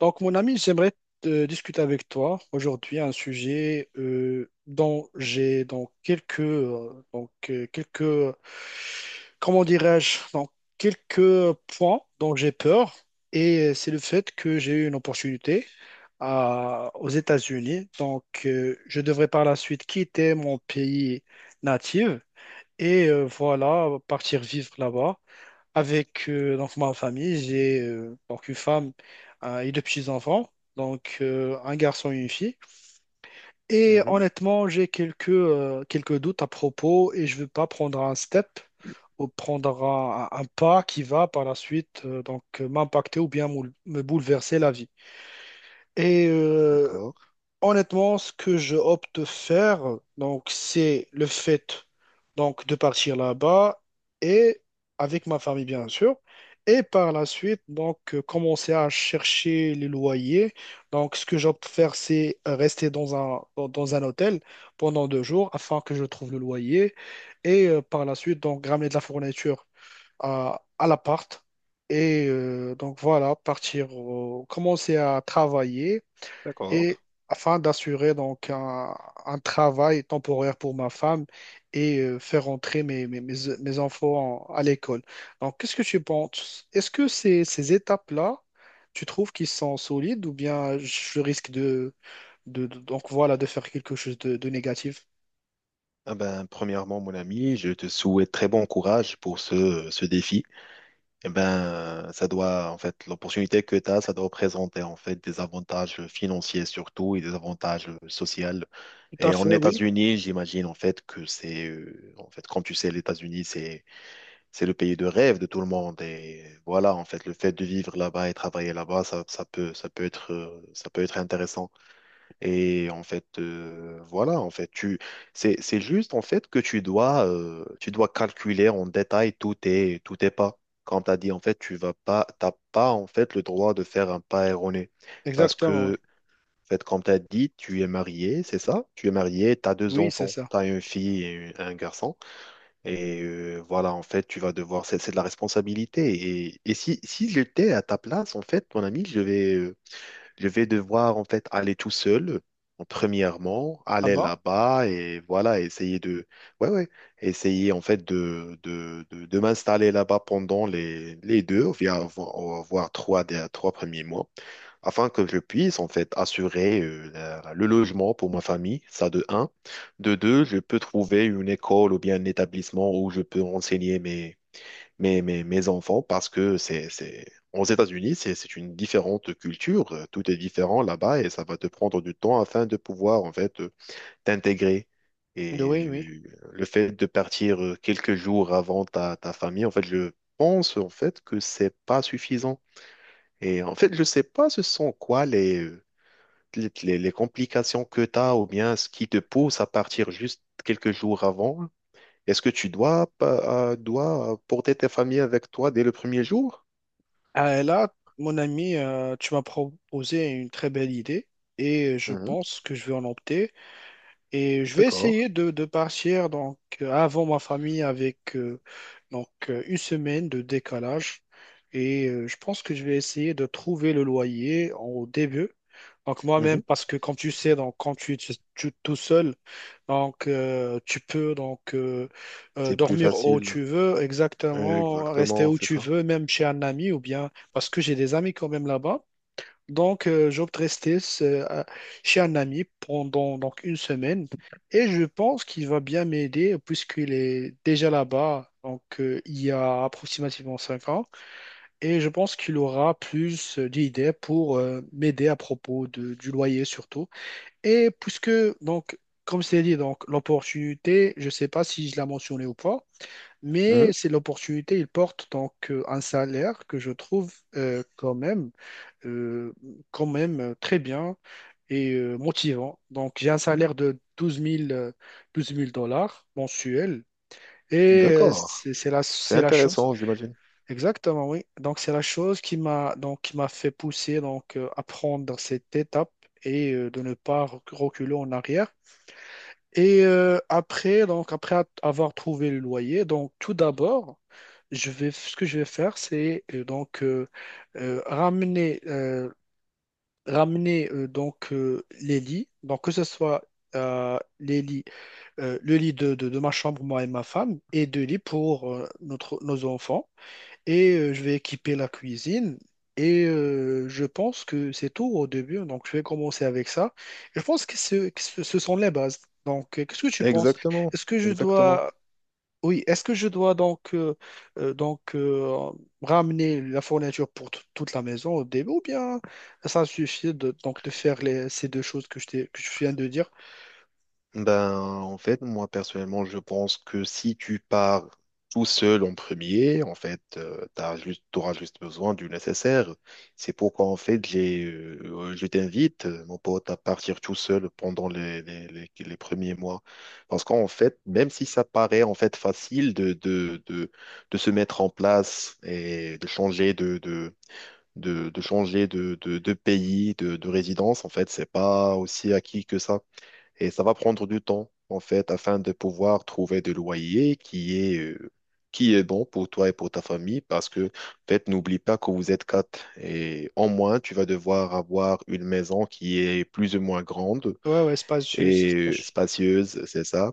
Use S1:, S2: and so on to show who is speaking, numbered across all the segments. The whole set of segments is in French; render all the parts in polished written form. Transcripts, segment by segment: S1: Donc, mon ami, j'aimerais discuter avec toi aujourd'hui un sujet dont j'ai donc quelques comment dirais-je donc, quelques points dont j'ai peur. C'est le fait que j'ai eu une opportunité aux États-Unis. Donc, je devrais par la suite quitter mon pays natif et voilà partir vivre là-bas. Avec donc ma famille. J'ai donc une femme et deux petits-enfants, un garçon et une fille. Et
S2: Mhm,
S1: honnêtement, j'ai quelques doutes à propos, et je veux pas prendre un step ou prendre un pas qui va par la suite m'impacter ou bien me bouleverser la vie. Et euh,
S2: d'accord,
S1: Honnêtement, ce que je opte de faire, donc, c'est le fait donc, de partir là-bas, et avec ma famille, bien sûr. Et par la suite, commencer à chercher les loyers. Donc, ce que j'opte de faire, c'est rester dans un hôtel pendant deux jours afin que je trouve le loyer. Et par la suite, donc, ramener de la fourniture à l'appart. Et voilà, partir, commencer à travailler, et
S2: d'accord.
S1: afin d'assurer donc un travail temporaire pour ma femme, et faire entrer mes enfants à l'école. Donc, qu'est-ce que tu penses? Est-ce que ces étapes-là, tu trouves qu'ils sont solides, ou bien je risque de de faire quelque chose de négatif?
S2: Ah ben, premièrement, mon ami, je te souhaite très bon courage pour ce, ce défi. Eh ben, ça doit, en fait, l'opportunité que tu as, ça doit représenter, en fait, des avantages financiers surtout et des avantages sociaux.
S1: Tout à
S2: Et en
S1: fait, oui.
S2: États-Unis, j'imagine, en fait, que c'est, en fait, comme tu sais, les États-Unis, c'est le pays de rêve de tout le monde. Et voilà, en fait, le fait de vivre là-bas et travailler là-bas, ça, ça peut être intéressant. Et en fait, voilà, en fait, tu, c'est juste en fait que tu dois calculer en détail tous tes pas. Comme tu as dit, en fait, tu vas pas, t'as pas en fait le droit de faire un pas erroné. Parce
S1: Exactement.
S2: que, en fait, comme tu as dit, tu es marié, c'est ça? Tu es marié, tu as deux
S1: Oui, c'est
S2: enfants,
S1: ça.
S2: tu as une fille et un garçon. Et voilà, en fait, tu vas devoir, c'est de la responsabilité. Et si, si j'étais à ta place, en fait, mon ami, je vais. Je vais devoir en fait aller tout seul, en premièrement,
S1: Ah
S2: aller
S1: bon?
S2: là-bas et voilà, essayer de, ouais, ouais, essayer en fait de m'installer là-bas pendant les deux, voire trois, trois premiers mois, afin que je puisse en fait assurer le logement pour ma famille, ça de un. De deux, je peux trouver une école ou bien un établissement où je peux enseigner mes, mes, mes enfants parce que c'est... aux États-Unis, c'est une différente culture. Tout est différent là-bas et ça va te prendre du temps afin de pouvoir en fait t'intégrer. Et
S1: Oui, oui.
S2: le fait de partir quelques jours avant ta, ta famille, en fait, je pense en fait que c'est pas suffisant. Et en fait, je sais pas ce sont quoi les, les complications que tu as ou bien ce qui te pousse à partir juste quelques jours avant. Est-ce que tu dois, dois porter ta famille avec toi dès le premier jour?
S1: Ah, là, mon ami, tu m'as proposé une très belle idée, et je
S2: Mhm,
S1: pense que je vais en opter. Et je vais
S2: d'accord.
S1: essayer de partir avant ma famille avec une semaine de décalage. Et je pense que je vais essayer de trouver le loyer au début. Donc moi-même,
S2: Mhm.
S1: parce que comme tu sais, donc quand tu es tout seul, tu peux
S2: C'est plus
S1: dormir où
S2: facile.
S1: tu veux, exactement, rester
S2: Exactement,
S1: où
S2: c'est
S1: tu
S2: ça.
S1: veux, même chez un ami, ou bien parce que j'ai des amis quand même là-bas. Donc, j'opte rester euh, à- chez un ami pendant donc une semaine, et je pense qu'il va bien m'aider puisqu'il est déjà là-bas, il y a approximativement 5 ans, et je pense qu'il aura plus d'idées pour m'aider à propos du loyer surtout. Et puisque, donc, comme c'est dit, donc l'opportunité, je ne sais pas si je l'ai mentionné ou pas,
S2: Mhm,
S1: mais c'est l'opportunité, il porte un salaire que je trouve euh, quand même très bien et motivant. Donc, j'ai un salaire de douze mille 12 000 dollars mensuels. Et
S2: d'accord. C'est
S1: c'est la chose.
S2: intéressant, j'imagine.
S1: Exactement, oui. Donc, c'est la chose qui m'a donc, qui m'a fait pousser donc, à prendre cette étape, et de ne pas reculer en arrière. Et après, donc, après avoir trouvé le loyer, donc, tout d'abord, ce que je vais faire, c'est euh, ramener euh, ramener les lits, donc que ce soit euh, les lits, le lit de ma chambre, moi et ma femme, et deux lits pour nos enfants. Et je vais équiper la cuisine. Et je pense que c'est tout au début, donc je vais commencer avec ça. Je pense que, ce sont les bases. Donc, qu'est-ce que tu penses?
S2: Exactement,
S1: Est-ce que je
S2: exactement.
S1: dois, oui, est-ce que je dois euh, donc euh, ramener la fourniture pour toute la maison au début, ou bien ça suffit de, donc de faire ces deux choses que que je viens de dire?
S2: Ben, en fait, moi personnellement, je pense que si tu pars tout seul en premier, en fait, t'as juste, t'auras juste besoin du nécessaire. C'est pourquoi, en fait, j'ai, je t'invite, mon pote, à partir tout seul pendant les premiers mois. Parce qu'en fait, même si ça paraît, en fait, facile de se mettre en place et de changer de changer de pays, de résidence, en fait, c'est pas aussi acquis que ça. Et ça va prendre du temps, en fait, afin de pouvoir trouver de loyer qui est bon pour toi et pour ta famille, parce que, en fait, n'oublie pas que vous êtes quatre. Et en moins, tu vas devoir avoir une maison qui est plus ou moins grande
S1: Ouais, ouais, c'est pas...
S2: et spacieuse, c'est ça.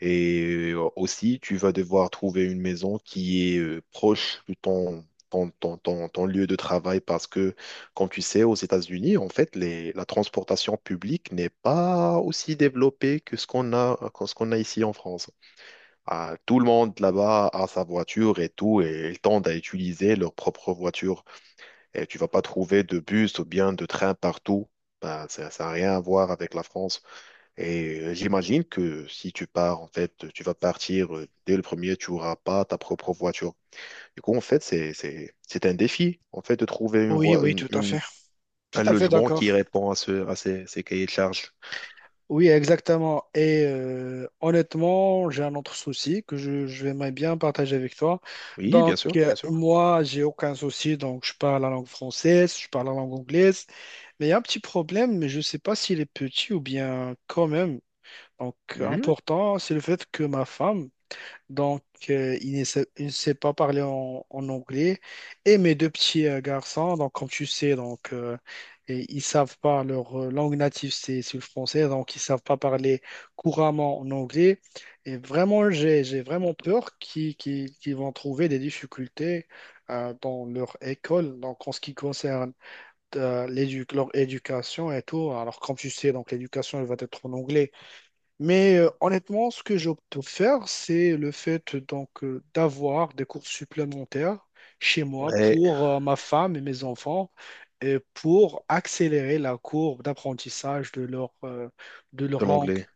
S2: Et aussi, tu vas devoir trouver une maison qui est proche de ton, ton, ton, ton, ton lieu de travail parce que, comme tu sais, aux États-Unis, en fait, les, la transportation publique n'est pas aussi développée que ce qu'on a, que ce qu'on a ici en France. Ah, tout le monde là-bas a sa voiture et tout, et ils tendent à utiliser leur propre voiture. Et tu vas pas trouver de bus ou bien de train partout. Ben, ça n'a rien à voir avec la France. Et j'imagine que si tu pars, en fait, tu vas partir dès le premier, tu n'auras pas ta propre voiture. Du coup, en fait, c'est un défi, en fait, de trouver une
S1: Oui, oui,
S2: une,
S1: tout à fait. Tout
S2: un
S1: à fait
S2: logement
S1: d'accord.
S2: qui répond à, ce, à ces, ces cahiers de charges.
S1: Oui, exactement. Et honnêtement, j'ai un autre souci que je vais bien partager avec toi.
S2: Oui,
S1: Donc,
S2: bien sûr, bien sûr.
S1: moi, j'ai aucun souci. Donc, je parle la langue française, je parle la langue anglaise. Mais il y a un petit problème, mais je ne sais pas s'il est petit ou bien quand même Donc,
S2: Mhm.
S1: important. C'est le fait que ma femme, donc, il ne sait pas parler en anglais. Et mes deux petits garçons, donc, comme tu sais, et ils savent pas leur langue native, c'est le français. Donc, ils savent pas parler couramment en anglais. Et vraiment, j'ai vraiment peur qu'ils vont trouver des difficultés dans leur école. Donc, en ce qui concerne leur éducation et tout. Alors, comme tu sais, donc, l'éducation, elle va être en anglais. Mais honnêtement, ce que j'opte pour faire, c'est le fait d'avoir des cours supplémentaires chez moi
S2: Ouais,
S1: pour ma femme et mes enfants, et pour accélérer la courbe d'apprentissage de de leur
S2: de
S1: langue.
S2: l'anglais.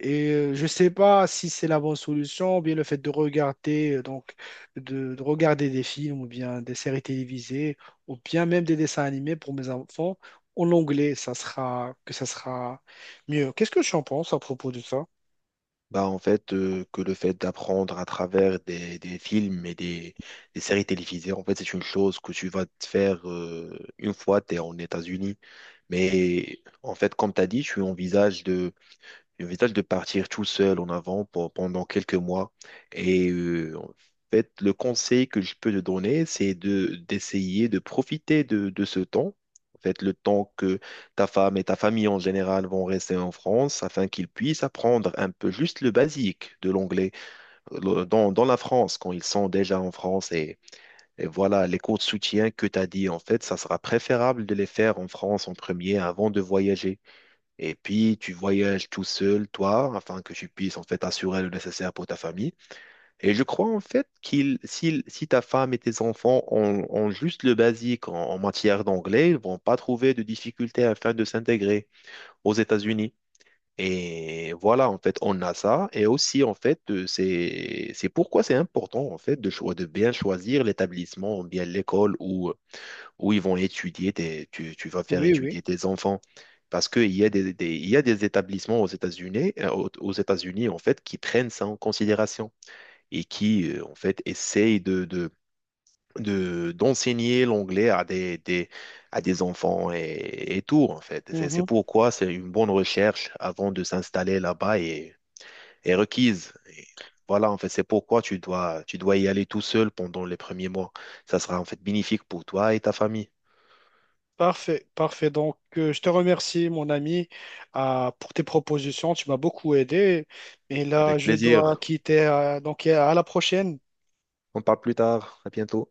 S1: Et je ne sais pas si c'est la bonne solution, ou bien le fait de regarder, de regarder des films ou bien des séries télévisées, ou bien même des dessins animés pour mes enfants en anglais, que ça sera mieux. Qu'est-ce que tu en penses à propos de ça?
S2: Bah, en fait, que le fait d'apprendre à travers des films et des séries télévisées, en fait, c'est une chose que tu vas te faire une fois tu es en États-Unis. Mais en fait, comme tu as dit, tu envisages de J'envisage de partir tout seul en avant pendant quelques mois. Et en fait, le conseil que je peux te donner, c'est de d'essayer de profiter de ce temps. En fait, le temps que ta femme et ta famille en général vont rester en France afin qu'ils puissent apprendre un peu juste le basique de l'anglais dans, dans la France quand ils sont déjà en France. Et voilà, les cours de soutien que tu as dit, en fait, ça sera préférable de les faire en France en premier avant de voyager. Et puis, tu voyages tout seul, toi, afin que tu puisses en fait assurer le nécessaire pour ta famille. Et je crois en fait qu'il, si, si ta femme et tes enfants ont, ont juste le basique en, en matière d'anglais, ils vont pas trouver de difficultés afin de s'intégrer aux États-Unis. Et voilà, en fait, on a ça. Et aussi, en fait, c'est pourquoi c'est important, en fait, de, de bien choisir l'établissement, bien l'école ou où ils vont étudier des, tu vas faire
S1: Oui, oui.
S2: étudier des enfants. Parce qu'il y a des, il y a des établissements aux États-Unis, aux aux États-Unis, en fait, qui prennent ça en considération et qui, en fait, essayent de, d'enseigner l'anglais à des, à des enfants et tout, en fait. C'est
S1: Mhm.
S2: pourquoi c'est une bonne recherche avant de s'installer là-bas et, est requise. Et voilà, en fait, c'est pourquoi tu dois y aller tout seul pendant les premiers mois. Ça sera, en fait, bénéfique pour toi et ta famille.
S1: Parfait, parfait. Donc, je te remercie, mon ami, pour tes propositions. Tu m'as beaucoup aidé. Et là,
S2: Avec
S1: je dois
S2: plaisir.
S1: quitter. Donc, à la prochaine.
S2: On parle plus tard. À bientôt.